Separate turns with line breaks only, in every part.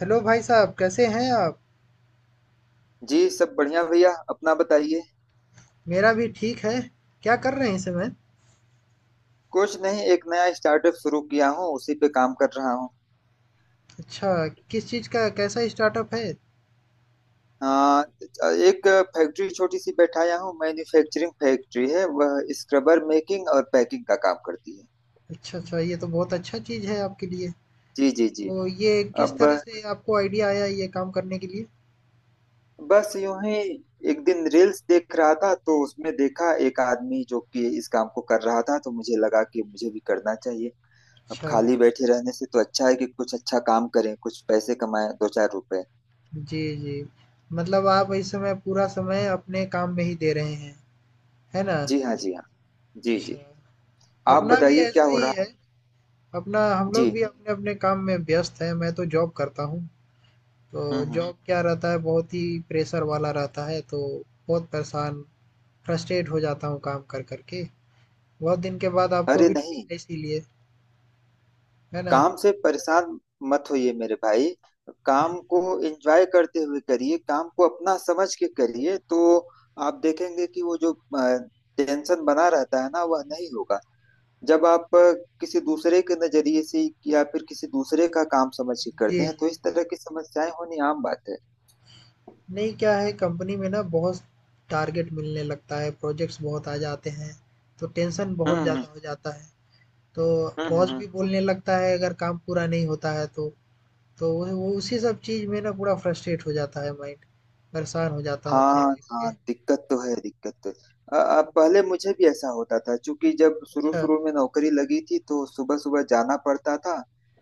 Hello भाई साहब, कैसे हैं आप।
जी सब बढ़िया भैया अपना बताइए।
मेरा भी ठीक है। क्या कर रहे हैं इस समय।
कुछ नहीं, एक नया स्टार्टअप शुरू किया हूँ उसी पे काम कर रहा हूँ।
अच्छा। किस चीज़ का कैसा स्टार्टअप है।
हाँ। एक फैक्ट्री छोटी सी बैठाया हूँ, मैन्युफैक्चरिंग फैक्ट्री है, वह स्क्रबर मेकिंग और पैकिंग का काम करती है।
अच्छा अच्छा, ये तो बहुत अच्छा चीज़ है आपके लिए।
जी जी जी।
तो ये किस
अब
तरह से आपको आइडिया आया ये काम करने के लिए।
बस यूं ही, एक दिन रील्स देख रहा था तो उसमें देखा एक आदमी जो कि इस काम को कर रहा था, तो मुझे लगा कि मुझे भी करना चाहिए। अब
अच्छा।
खाली बैठे रहने से तो अच्छा है कि कुछ अच्छा काम करें, कुछ पैसे कमाएं, दो चार रुपए।
जी जी। मतलब आप इस समय पूरा समय अपने काम में ही दे रहे हैं, है ना।
जी हाँ जी हाँ। जी जी।
अच्छा।
आप
अपना भी
बताइए क्या
ऐसा
हो
ही
रहा है?
है। अपना हम लोग
जी।
भी अपने अपने काम में व्यस्त हैं। मैं तो जॉब करता हूँ। तो
हम्म।
जॉब क्या रहता है, बहुत ही प्रेशर वाला रहता है। तो बहुत परेशान, फ्रस्ट्रेट हो जाता हूँ काम कर कर के। बहुत दिन के बाद आपको
अरे
भी
नहीं,
मिला इसीलिए, है ना।
काम से परेशान मत होइए मेरे भाई। काम को एंजॉय करते हुए करिए, काम को अपना समझ के करिए, तो आप देखेंगे कि वो जो टेंशन बना रहता है ना, वह नहीं होगा। जब आप किसी दूसरे के नजरिए से या फिर किसी दूसरे का काम समझ के
जी
करते हैं, तो
जी।
इस तरह की समस्याएं होनी आम बात है।
नहीं, क्या है कंपनी में ना, बहुत टारगेट मिलने लगता है, प्रोजेक्ट्स बहुत आ जाते हैं, तो टेंशन बहुत ज़्यादा
हम्म।
हो जाता है। तो
हम्म हम्म
बॉस
हम्म।
भी बोलने लगता है अगर काम पूरा नहीं होता है तो। तो वो उसी सब चीज़ में ना पूरा फ्रस्ट्रेट हो जाता है माइंड। परेशान हो जाता हूँ अपने
हाँ
लाइफ
हाँ,
से।
दिक्कत तो है, दिक्कत तो है। पहले मुझे भी ऐसा होता था, क्योंकि जब शुरू
अच्छा।
शुरू में नौकरी लगी थी तो सुबह सुबह जाना पड़ता था।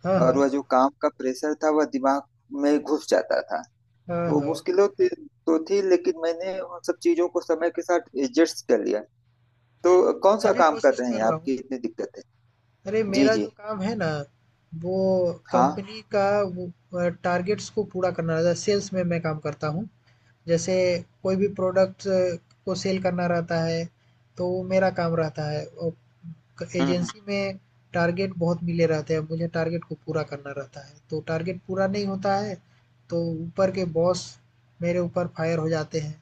हाँ
और
हाँ,
वह जो काम का प्रेशर था वह दिमाग में घुस जाता था।
हाँ
तो
हाँ।
मुश्किलों थी, तो थी, लेकिन मैंने उन सब चीजों को समय के साथ एडजस्ट कर लिया। तो कौन
मैं
सा
भी
काम कर
कोशिश
रहे
कर
हैं
रहा हूँ।
आपकी इतनी दिक्कत है?
अरे
जी
मेरा
जी।
जो काम है ना, वो
हाँ।
कंपनी का, वो टारगेट्स को पूरा करना रहता है। सेल्स में मैं काम करता हूँ। जैसे कोई भी प्रोडक्ट को सेल करना रहता है, तो वो मेरा काम रहता है। और
हम्म।
एजेंसी में टारगेट बहुत मिले रहते हैं मुझे। टारगेट को पूरा करना रहता है, तो टारगेट पूरा नहीं होता है, तो ऊपर के बॉस मेरे ऊपर फायर हो जाते हैं।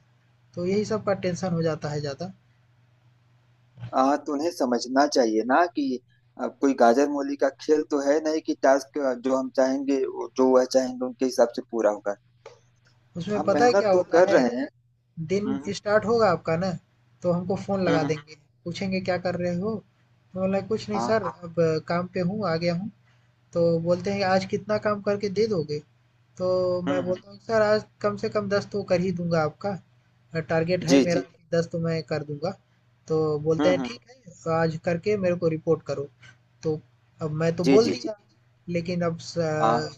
तो यही सब का टेंशन हो जाता है ज़्यादा।
तुम्हें समझना चाहिए ना कि कोई गाजर मूली का खेल तो है नहीं कि टास्क जो वह चाहेंगे उनके हिसाब से पूरा होगा।
उसमें
हम
पता है क्या
मेहनत तो
होता
कर
है,
रहे हैं।
दिन
हम्म
स्टार्ट होगा आपका ना, तो हमको फ़ोन लगा
हम्म।
देंगे, पूछेंगे क्या कर रहे हो। तो बोला कुछ नहीं सर,
हाँ।
अब काम पे हूँ, आ गया हूँ। तो बोलते हैं आज कितना काम करके दे दोगे? तो मैं
हम्म।
बोलता हूँ सर आज कम से कम 10 तो कर ही दूँगा आपका। टारगेट है
जी
मेरा,
जी।
10 तो मैं कर दूँगा। तो बोलते
हम्म,
हैं
हम्म।
ठीक है, तो आज करके मेरे को रिपोर्ट करो। तो अब मैं तो
जी
बोल
जी जी।
दिया, लेकिन अब स
हाँ।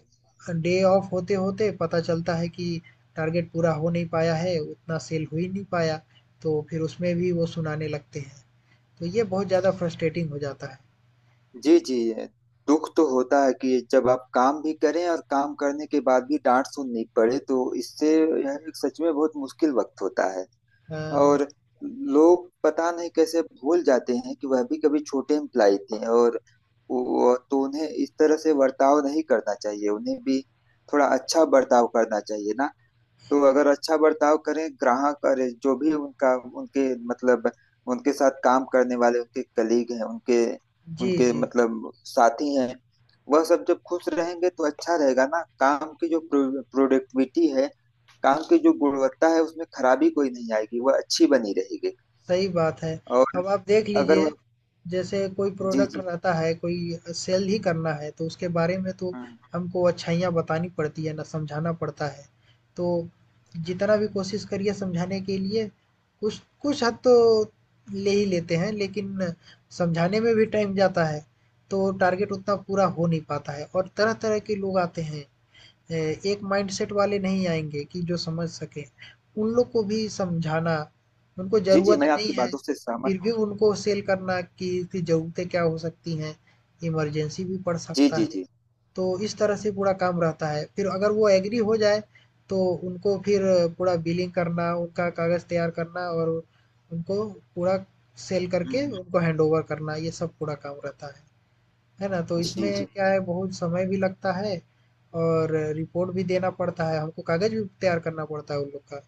डे ऑफ होते-होते पता चलता है कि टारगेट पूरा हो नहीं पाया है, उतना सेल हो ही नहीं पाया। तो फिर उसमें भी वो सुनाने लगते हैं। तो ये बहुत ज़्यादा फ्रस्ट्रेटिंग हो जाता है।
जी जी। दुख तो होता है कि जब आप काम भी करें और काम करने के बाद भी डांट सुननी पड़े, तो इससे यह एक सच में बहुत मुश्किल वक्त होता है।
अ,
और लोग पता नहीं कैसे भूल जाते हैं कि वह भी कभी छोटे इम्प्लाई थे, और वो तो उन्हें इस तरह से बर्ताव नहीं करना चाहिए, उन्हें भी थोड़ा अच्छा बर्ताव करना चाहिए ना। तो अगर अच्छा बर्ताव करें, ग्राहक और जो भी उनका, उनके मतलब उनके साथ काम करने वाले उनके कलीग हैं, उनके
जी,
उनके
जी।
मतलब साथी हैं, वह सब जब खुश रहेंगे तो अच्छा रहेगा ना। काम की जो प्रोडक्टिविटी है, काम की जो गुणवत्ता है, उसमें खराबी कोई नहीं आएगी, वह अच्छी बनी रहेगी।
सही बात है।
और
अब आप देख
अगर
लीजिए,
वह।
जैसे कोई
जी
प्रोडक्ट
जी।
रहता है, कोई सेल ही करना है, तो उसके बारे में तो
हम्म,
हमको अच्छाइयाँ बतानी पड़ती है ना, समझाना पड़ता है। तो जितना भी कोशिश करिए समझाने के लिए, कुछ कुछ हद तो ले ही लेते हैं, लेकिन समझाने में भी टाइम जाता है, तो टारगेट उतना पूरा हो नहीं पाता है और तरह-तरह के लोग आते हैं। एक माइंडसेट वाले नहीं आएँगे कि जो समझ सकें। उन लोग को भी समझाना, उनको
जी जी
ज़रूरत
मैं
नहीं
आपकी
है,
बातों से सहमत
फिर
हूँ।
भी उनको सेल करना कि इसकी ज़रूरतें क्या हो सकती हैं, इमरजेंसी भी पड़
जी
सकता
जी
है।
जी।
तो इस तरह से पूरा काम रहता है। फिर अगर वो एग्री हो जाए, तो उनको फिर पूरा बिलिंग करना, उनका कागज़ तैयार करना और उनको पूरा सेल करके
हम्म,
उनको हैंडओवर करना, ये सब पूरा काम रहता है। है ना? तो
जी
इसमें
जी।
क्या है, बहुत समय भी लगता है और रिपोर्ट भी देना पड़ता है, हमको कागज़ भी तैयार करना पड़ता है उन लोग का।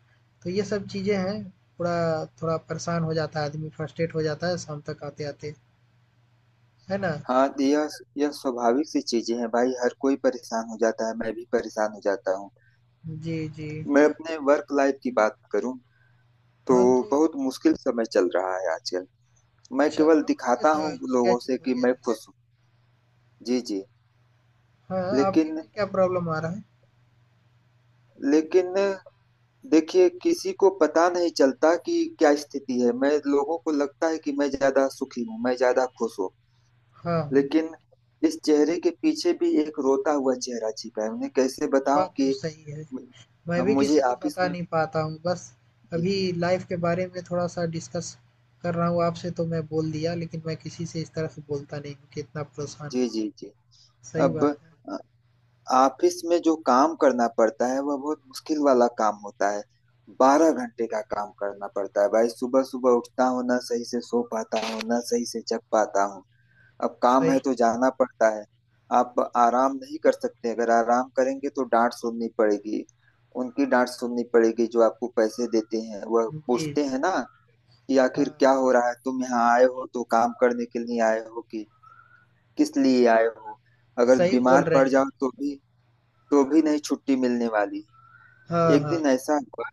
तो ये सब चीज़ें हैं, थोड़ा थोड़ा परेशान हो जाता है आदमी, फ्रस्ट्रेट हो जाता है शाम तक आते-आते, है ना?
हाँ, तो यह स्वाभाविक सी चीजें हैं भाई, हर कोई परेशान हो जाता है, मैं भी परेशान हो जाता हूँ।
जी, जी।
मैं अपने वर्क लाइफ की बात करूँ तो
हाँ, तो
बहुत मुश्किल समय चल रहा है आजकल। मैं
अच्छा,
केवल
आपका
दिखाता
कैसा,
हूँ
क्या
लोगों से
चीज़ हो
कि
गया
मैं
है?
खुश हूँ। जी जी।
हाँ, आपके
लेकिन
में क्या प्रॉब्लम आ रहा है?
लेकिन देखिए किसी को पता नहीं चलता कि क्या स्थिति है, मैं लोगों को लगता है कि मैं ज्यादा सुखी हूँ, मैं ज्यादा खुश हूँ।
हाँ,
लेकिन इस चेहरे के पीछे भी एक रोता हुआ चेहरा छिपा है, उन्हें कैसे बताऊं
बात तो
कि।
सही है। मैं
हम
भी
मुझे
किसी को
ऑफिस
बता
में।
नहीं पाता हूँ। बस
जी
अभी लाइफ़ के बारे में थोड़ा-सा डिस्कस कर रहा हूँ आपसे, तो मैं बोल दिया, लेकिन मैं किसी से इस तरह से बोलता नहीं हूँ कि इतना परेशान
जी जी
हूँ।
जी।
सही
अब
बात है,
अ, ऑफिस में जो काम करना पड़ता है वह बहुत मुश्किल वाला काम होता है। 12 घंटे का काम करना पड़ता है भाई, सुबह सुबह उठता हूँ, ना सही से सो पाता हूँ ना सही से जग पाता हूँ। अब काम
सही
है तो
बात है।
जाना पड़ता है। आप आराम नहीं कर सकते, अगर आराम करेंगे तो डांट सुननी पड़ेगी। उनकी डांट सुननी पड़ेगी जो आपको पैसे देते हैं, वह
जी, जी।
पूछते हैं ना कि
हाँ,
आखिर क्या हो रहा है, तुम यहाँ आए हो तो काम करने के लिए आए हो कि किस लिए आए हो। अगर
सही बोल
बीमार
रहे
पड़
हैं।
जाओ तो भी, तो भी नहीं छुट्टी मिलने वाली है।
हाँ,
एक
हाँ।
दिन ऐसा हुआ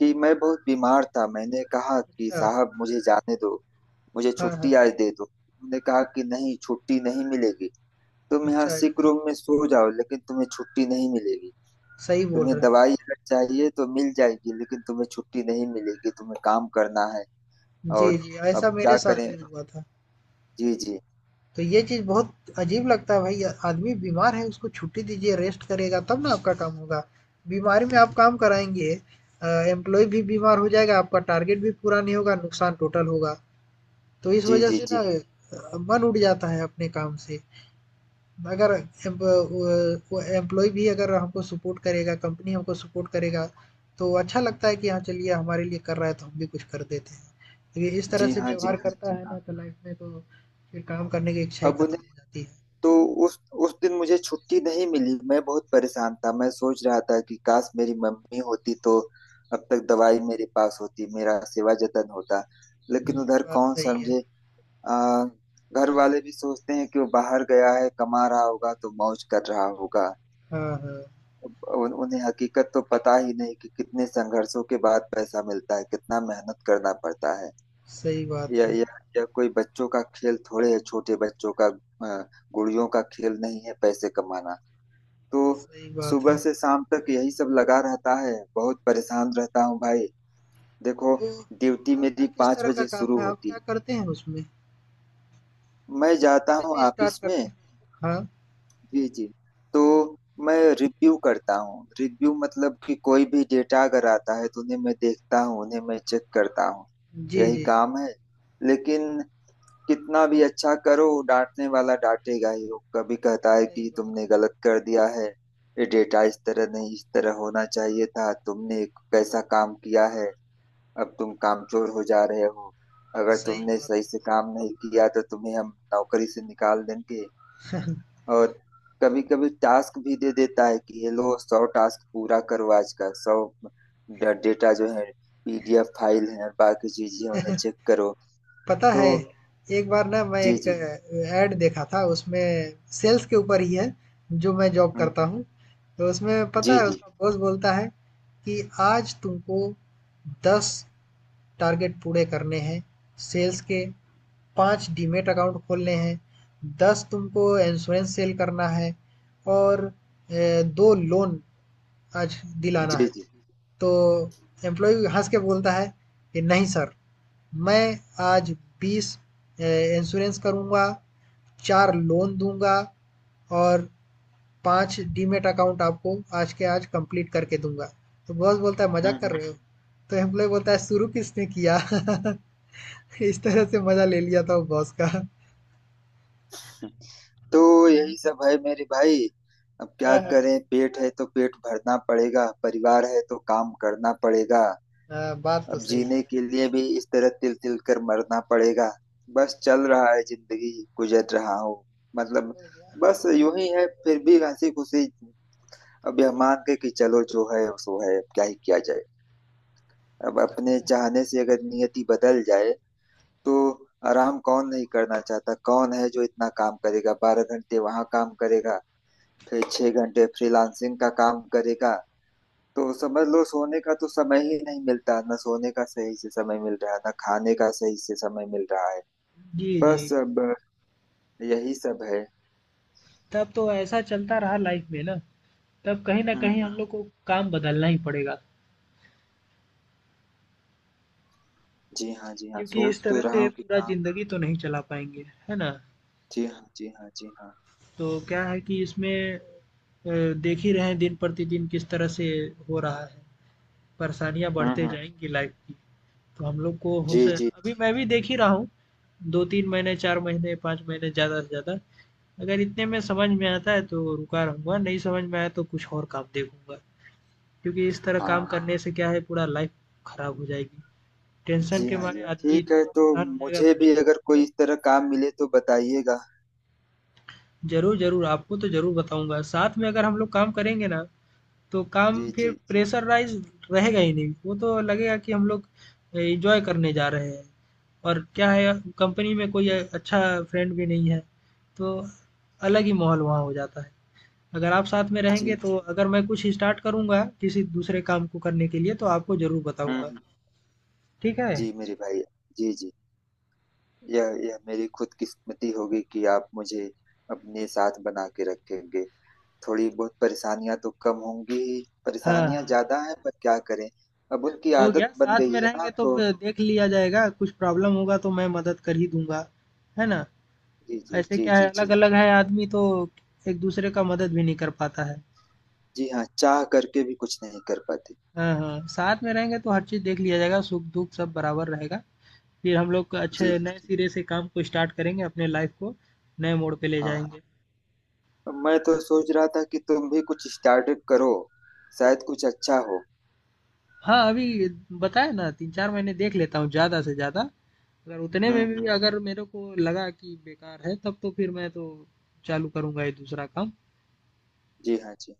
कि मैं बहुत बीमार था, मैंने कहा कि
अच्छा।
साहब मुझे जाने दो, मुझे
हाँ, हाँ।
छुट्टी आज दे दो। उन्होंने कहा कि नहीं, छुट्टी नहीं मिलेगी, तुम यहाँ
अच्छा,
सिक
अच्छा।
रूम में सो जाओ लेकिन तुम्हें छुट्टी नहीं मिलेगी।
सही बोल
तुम्हें
रहे हैं।
दवाई अगर चाहिए तो मिल जाएगी, लेकिन तुम्हें छुट्टी नहीं मिलेगी, तुम्हें काम करना है।
जी,
और
जी, ऐसा
अब क्या
मेरे साथ
करें।
भी हुआ था।
जी जी
तो ये चीज़ बहुत अजीब लगता है भाई। आदमी बीमार है, उसको छुट्टी दीजिए, रेस्ट करेगा तब ना आपका काम होगा। बीमारी में आप काम कराएंगे, एम्प्लॉय भी बीमार हो जाएगा, आपका टारगेट भी पूरा नहीं होगा, नुकसान टोटल होगा। तो इस
जी
वजह
जी
से ना
जी।
मन उड़ जाता है अपने काम से। अगर एम्प्लॉय भी, अगर हमको सपोर्ट करेगा, कंपनी हमको सपोर्ट करेगा, तो अच्छा लगता है कि हाँ चलिए, हमारे लिए कर रहा है तो हम भी कुछ कर देते हैं। तो ये इस तरह
जी
से
हाँ जी
व्यवहार
हाँ
करता
जी
है
हाँ।
ना, तो लाइफ में तो फिर काम करने की इच्छा ही
अब
खत्म
उन्हें,
हो जाती है।
तो उस उस दिन मुझे छुट्टी नहीं मिली, मैं बहुत परेशान था। मैं सोच रहा था कि काश मेरी मम्मी होती तो अब तक दवाई मेरे पास होती, मेरा सेवा जतन होता।
हुँ,
लेकिन उधर
बात
कौन
सही है।
समझे। आ, घर वाले भी सोचते हैं कि वो बाहर गया है, कमा रहा होगा तो मौज कर रहा होगा।
हाँ, हाँ,
उन्हें हकीकत तो पता ही नहीं कि कितने संघर्षों के बाद पैसा मिलता है, कितना मेहनत करना पड़ता है।
सही बात
यह
है,
यह यह कोई बच्चों का खेल थोड़े है, छोटे बच्चों का अ, गुड़ियों का खेल नहीं है पैसे कमाना। तो
सही बात
सुबह
है।
से शाम तक यही सब लगा रहता है, बहुत परेशान रहता हूँ भाई। देखो,
तो
ड्यूटी
आपका
मेरी
किस
पाँच
तरह का
बजे
काम
शुरू
है? आप
होती
क्या
है,
करते हैं उसमें?
मैं जाता हूँ
कैसे स्टार्ट
ऑफिस में।
करते हैं? हाँ,
जी जी। तो मैं रिव्यू करता हूँ, रिव्यू मतलब कि कोई भी डेटा अगर आता है तो उन्हें मैं देखता हूँ, उन्हें मैं चेक करता हूँ।
जी,
यही
जी,
काम है। लेकिन कितना भी अच्छा करो डांटने वाला डांटेगा ही। वो कभी कहता है
सही
कि
बात
तुमने
है,
गलत कर दिया है, ये डेटा इस तरह नहीं इस तरह होना चाहिए था, तुमने एक कैसा काम किया है। अब तुम कामचोर हो जा रहे हो, अगर
सही
तुमने
बात
सही
है,
से
सही बात
काम
है।
नहीं किया तो तुम्हें हम नौकरी से निकाल देंगे। और कभी कभी टास्क भी दे देता है कि ये लो 100 टास्क पूरा करो आज का, 100 डेटा जो है PDF फाइल है और बाकी चीजें उन्हें चेक करो।
पता
तो।
है, एक बार ना मैं
जी
एक
जी।
ऐड देखा था, उसमें सेल्स के ऊपर ही है, जो मैं जॉब
हम्म
करता
हम्म।
हूँ। तो उसमें पता
जी
है
जी
उसका बॉस बोलता है कि आज तुमको 10 टारगेट पूरे करने हैं, सेल्स के 5 डीमेट अकाउंट खोलने हैं, 10 तुमको इंश्योरेंस सेल करना है और 2 लोन आज दिलाना
जी
है।
जी।
तो एम्प्लॉय हंस के बोलता है कि नहीं सर, मैं आज 20 इंश्योरेंस करूँगा, 4 लोन दूंगा और 5 डीमेट अकाउंट आपको आज के आज कंप्लीट करके दूंगा। तो बॉस बोलता है
हम्म
मजाक
हम्म,
कर रहे हो। तो एम्प्लॉय बोलता है शुरू किसने किया। इस तरह से मजा ले लिया था वो बॉस का। हाँ,
हम्म। तो यही सब है मेरे भाई, अब क्या
हाँ।
करें, पेट है तो पेट भरना पड़ेगा, परिवार है तो काम करना पड़ेगा।
हाँ, बात तो
अब
सही
जीने
है।
के लिए भी इस तरह तिल तिल कर मरना पड़ेगा। बस चल रहा है जिंदगी, गुजर रहा हूँ, मतलब
हो गया।
बस यूं ही है, फिर भी हंसी खुशी। अब यह मान के कि चलो जो है सो है, अब क्या ही किया जाए। अब अपने चाहने से अगर नियति बदल जाए तो। आराम कौन नहीं करना चाहता, कौन है जो इतना काम करेगा, 12 घंटे वहां काम करेगा, फिर 6 घंटे फ्रीलांसिंग का काम करेगा। तो समझ लो सोने का तो समय ही नहीं मिलता, ना सोने का सही से समय मिल रहा है ना खाने का सही से समय मिल रहा है।
जी जी।
बस अब यही सब है।
तब तो ऐसा चलता रहा लाइफ में ना, तब कहीं ना
हम्म
कहीं
हम्म,
हम लोग को काम बदलना ही पड़ेगा,
जी हाँ जी हाँ,
क्योंकि
सोच
इस
तो
तरह
रहा
से
हूँ कि
पूरा
काम।
जिंदगी तो नहीं चला पाएंगे, है ना।
जी हाँ जी हाँ जी हाँ।
तो क्या है कि इसमें देख ही रहे हैं दिन प्रतिदिन किस तरह से हो रहा है, परेशानियाँ बढ़ते
हम्म।
जाएँगी लाइफ की। तो हम लोग को हो
जी
स
जी
अभी
जी।
मैं भी देख ही रहा हूँ, 2-3 महीने, 4 महीने, 5 महीने ज़्यादा से ज़्यादा। अगर इतने में समझ में आता है तो रुका रहूँगा, नहीं समझ में आया तो कुछ और काम देखूँगा। क्योंकि इस तरह काम
हाँ
करने से क्या है पूरा लाइफ खराब हो जाएगी।
जी
टेंशन के
हाँ जी
मारे
हाँ,
आदमी
ठीक
इतना
है। तो
परेशान हो जाएगा,
मुझे भी
पूछिए
अगर कोई इस तरह काम मिले तो बताइएगा।
मत। ज़रूर, ज़रूर, आपको तो ज़रूर बताऊँगा। साथ में अगर हम लोग काम करेंगे ना, तो
जी
काम फिर
जी
प्रेशराइज़ रहेगा ही नहीं। वो तो लगेगा कि हम लोग एन्जॉय करने जा रहे हैं। और क्या है,
जी।
कंपनी में कोई अच्छा फ्रेंड भी नहीं है, तो अलग ही माहौल वहाँ हो जाता है। अगर आप साथ में रहेंगे, तो अगर मैं कुछ स्टार्ट करूँगा किसी दूसरे काम को करने के लिए तो आपको ज़रूर बताऊँगा,
हम्म।
ठीक है?
जी मेरे भाई। जी जी। यह मेरी खुद किस्मती होगी कि आप मुझे अपने साथ बना के रखेंगे, थोड़ी बहुत परेशानियां तो कम होंगी ही।
हाँ,
परेशानियां
हाँ।
ज्यादा हैं पर क्या करें, अब उनकी
हो गया,
आदत बन
साथ
गई
में
है ना,
रहेंगे तो ब
तो।
देख लिया जाएगा, कुछ प्रॉब्लम होगा तो मैं मदद कर ही दूँगा, है ना?
जी जी
ऐसे
जी
क्या
जी
है,
जी।
अलग-अलग है आदमी, तो एक दूसरे का मदद भी नहीं कर पाता है।
जी हाँ, चाह करके भी कुछ नहीं कर पाते।
हाँ, हाँ, साथ में रहेंगे तो हर चीज़ देख लिया जाएगा, सुख-दुःख सब बराबर रहेगा। फिर हम लोग
जी
अच्छे नए
जी।
सिरे से काम को स्टार्ट करेंगे, अपने लाइफ़ को नए मोड़ पे ले
हाँ,
जाएँगे।
हाँ मैं तो सोच रहा था कि तुम भी कुछ स्टार्टअप करो, शायद कुछ अच्छा हो।
हाँ, अभी बताया ना, 3-4 महीने देख लेता हूँ ज़्यादा से ज़्यादा, अगर उतने में भी
हम्म।
अगर मेरे को लगा कि बेकार है, तब तो फिर मैं तो चालू करूँगा ये दूसरा काम,
जी हाँ। जी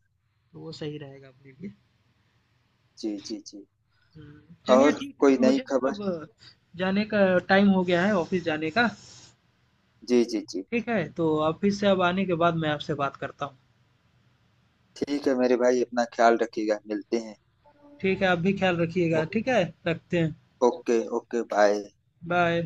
तो वो सही रहेगा अपने लिए।
जी जी। जी
हुँ, चलिए
और
ठीक है,
कोई नई
मुझे ना
खबर?
अब जाने का टाइम हो गया है, ऑफ़िस जाने का,
जी जी जी।
ठीक है? तो ऑफ़िस से अब आने के बाद मैं आपसे बात करता हूँ।
ठीक है मेरे भाई, अपना ख्याल रखिएगा, मिलते हैं।
ठीक है, आप भी ख्याल रखिएगा,
ओ-
ठीक है? रखते हैं,
ओके ओके बाय।
बाय।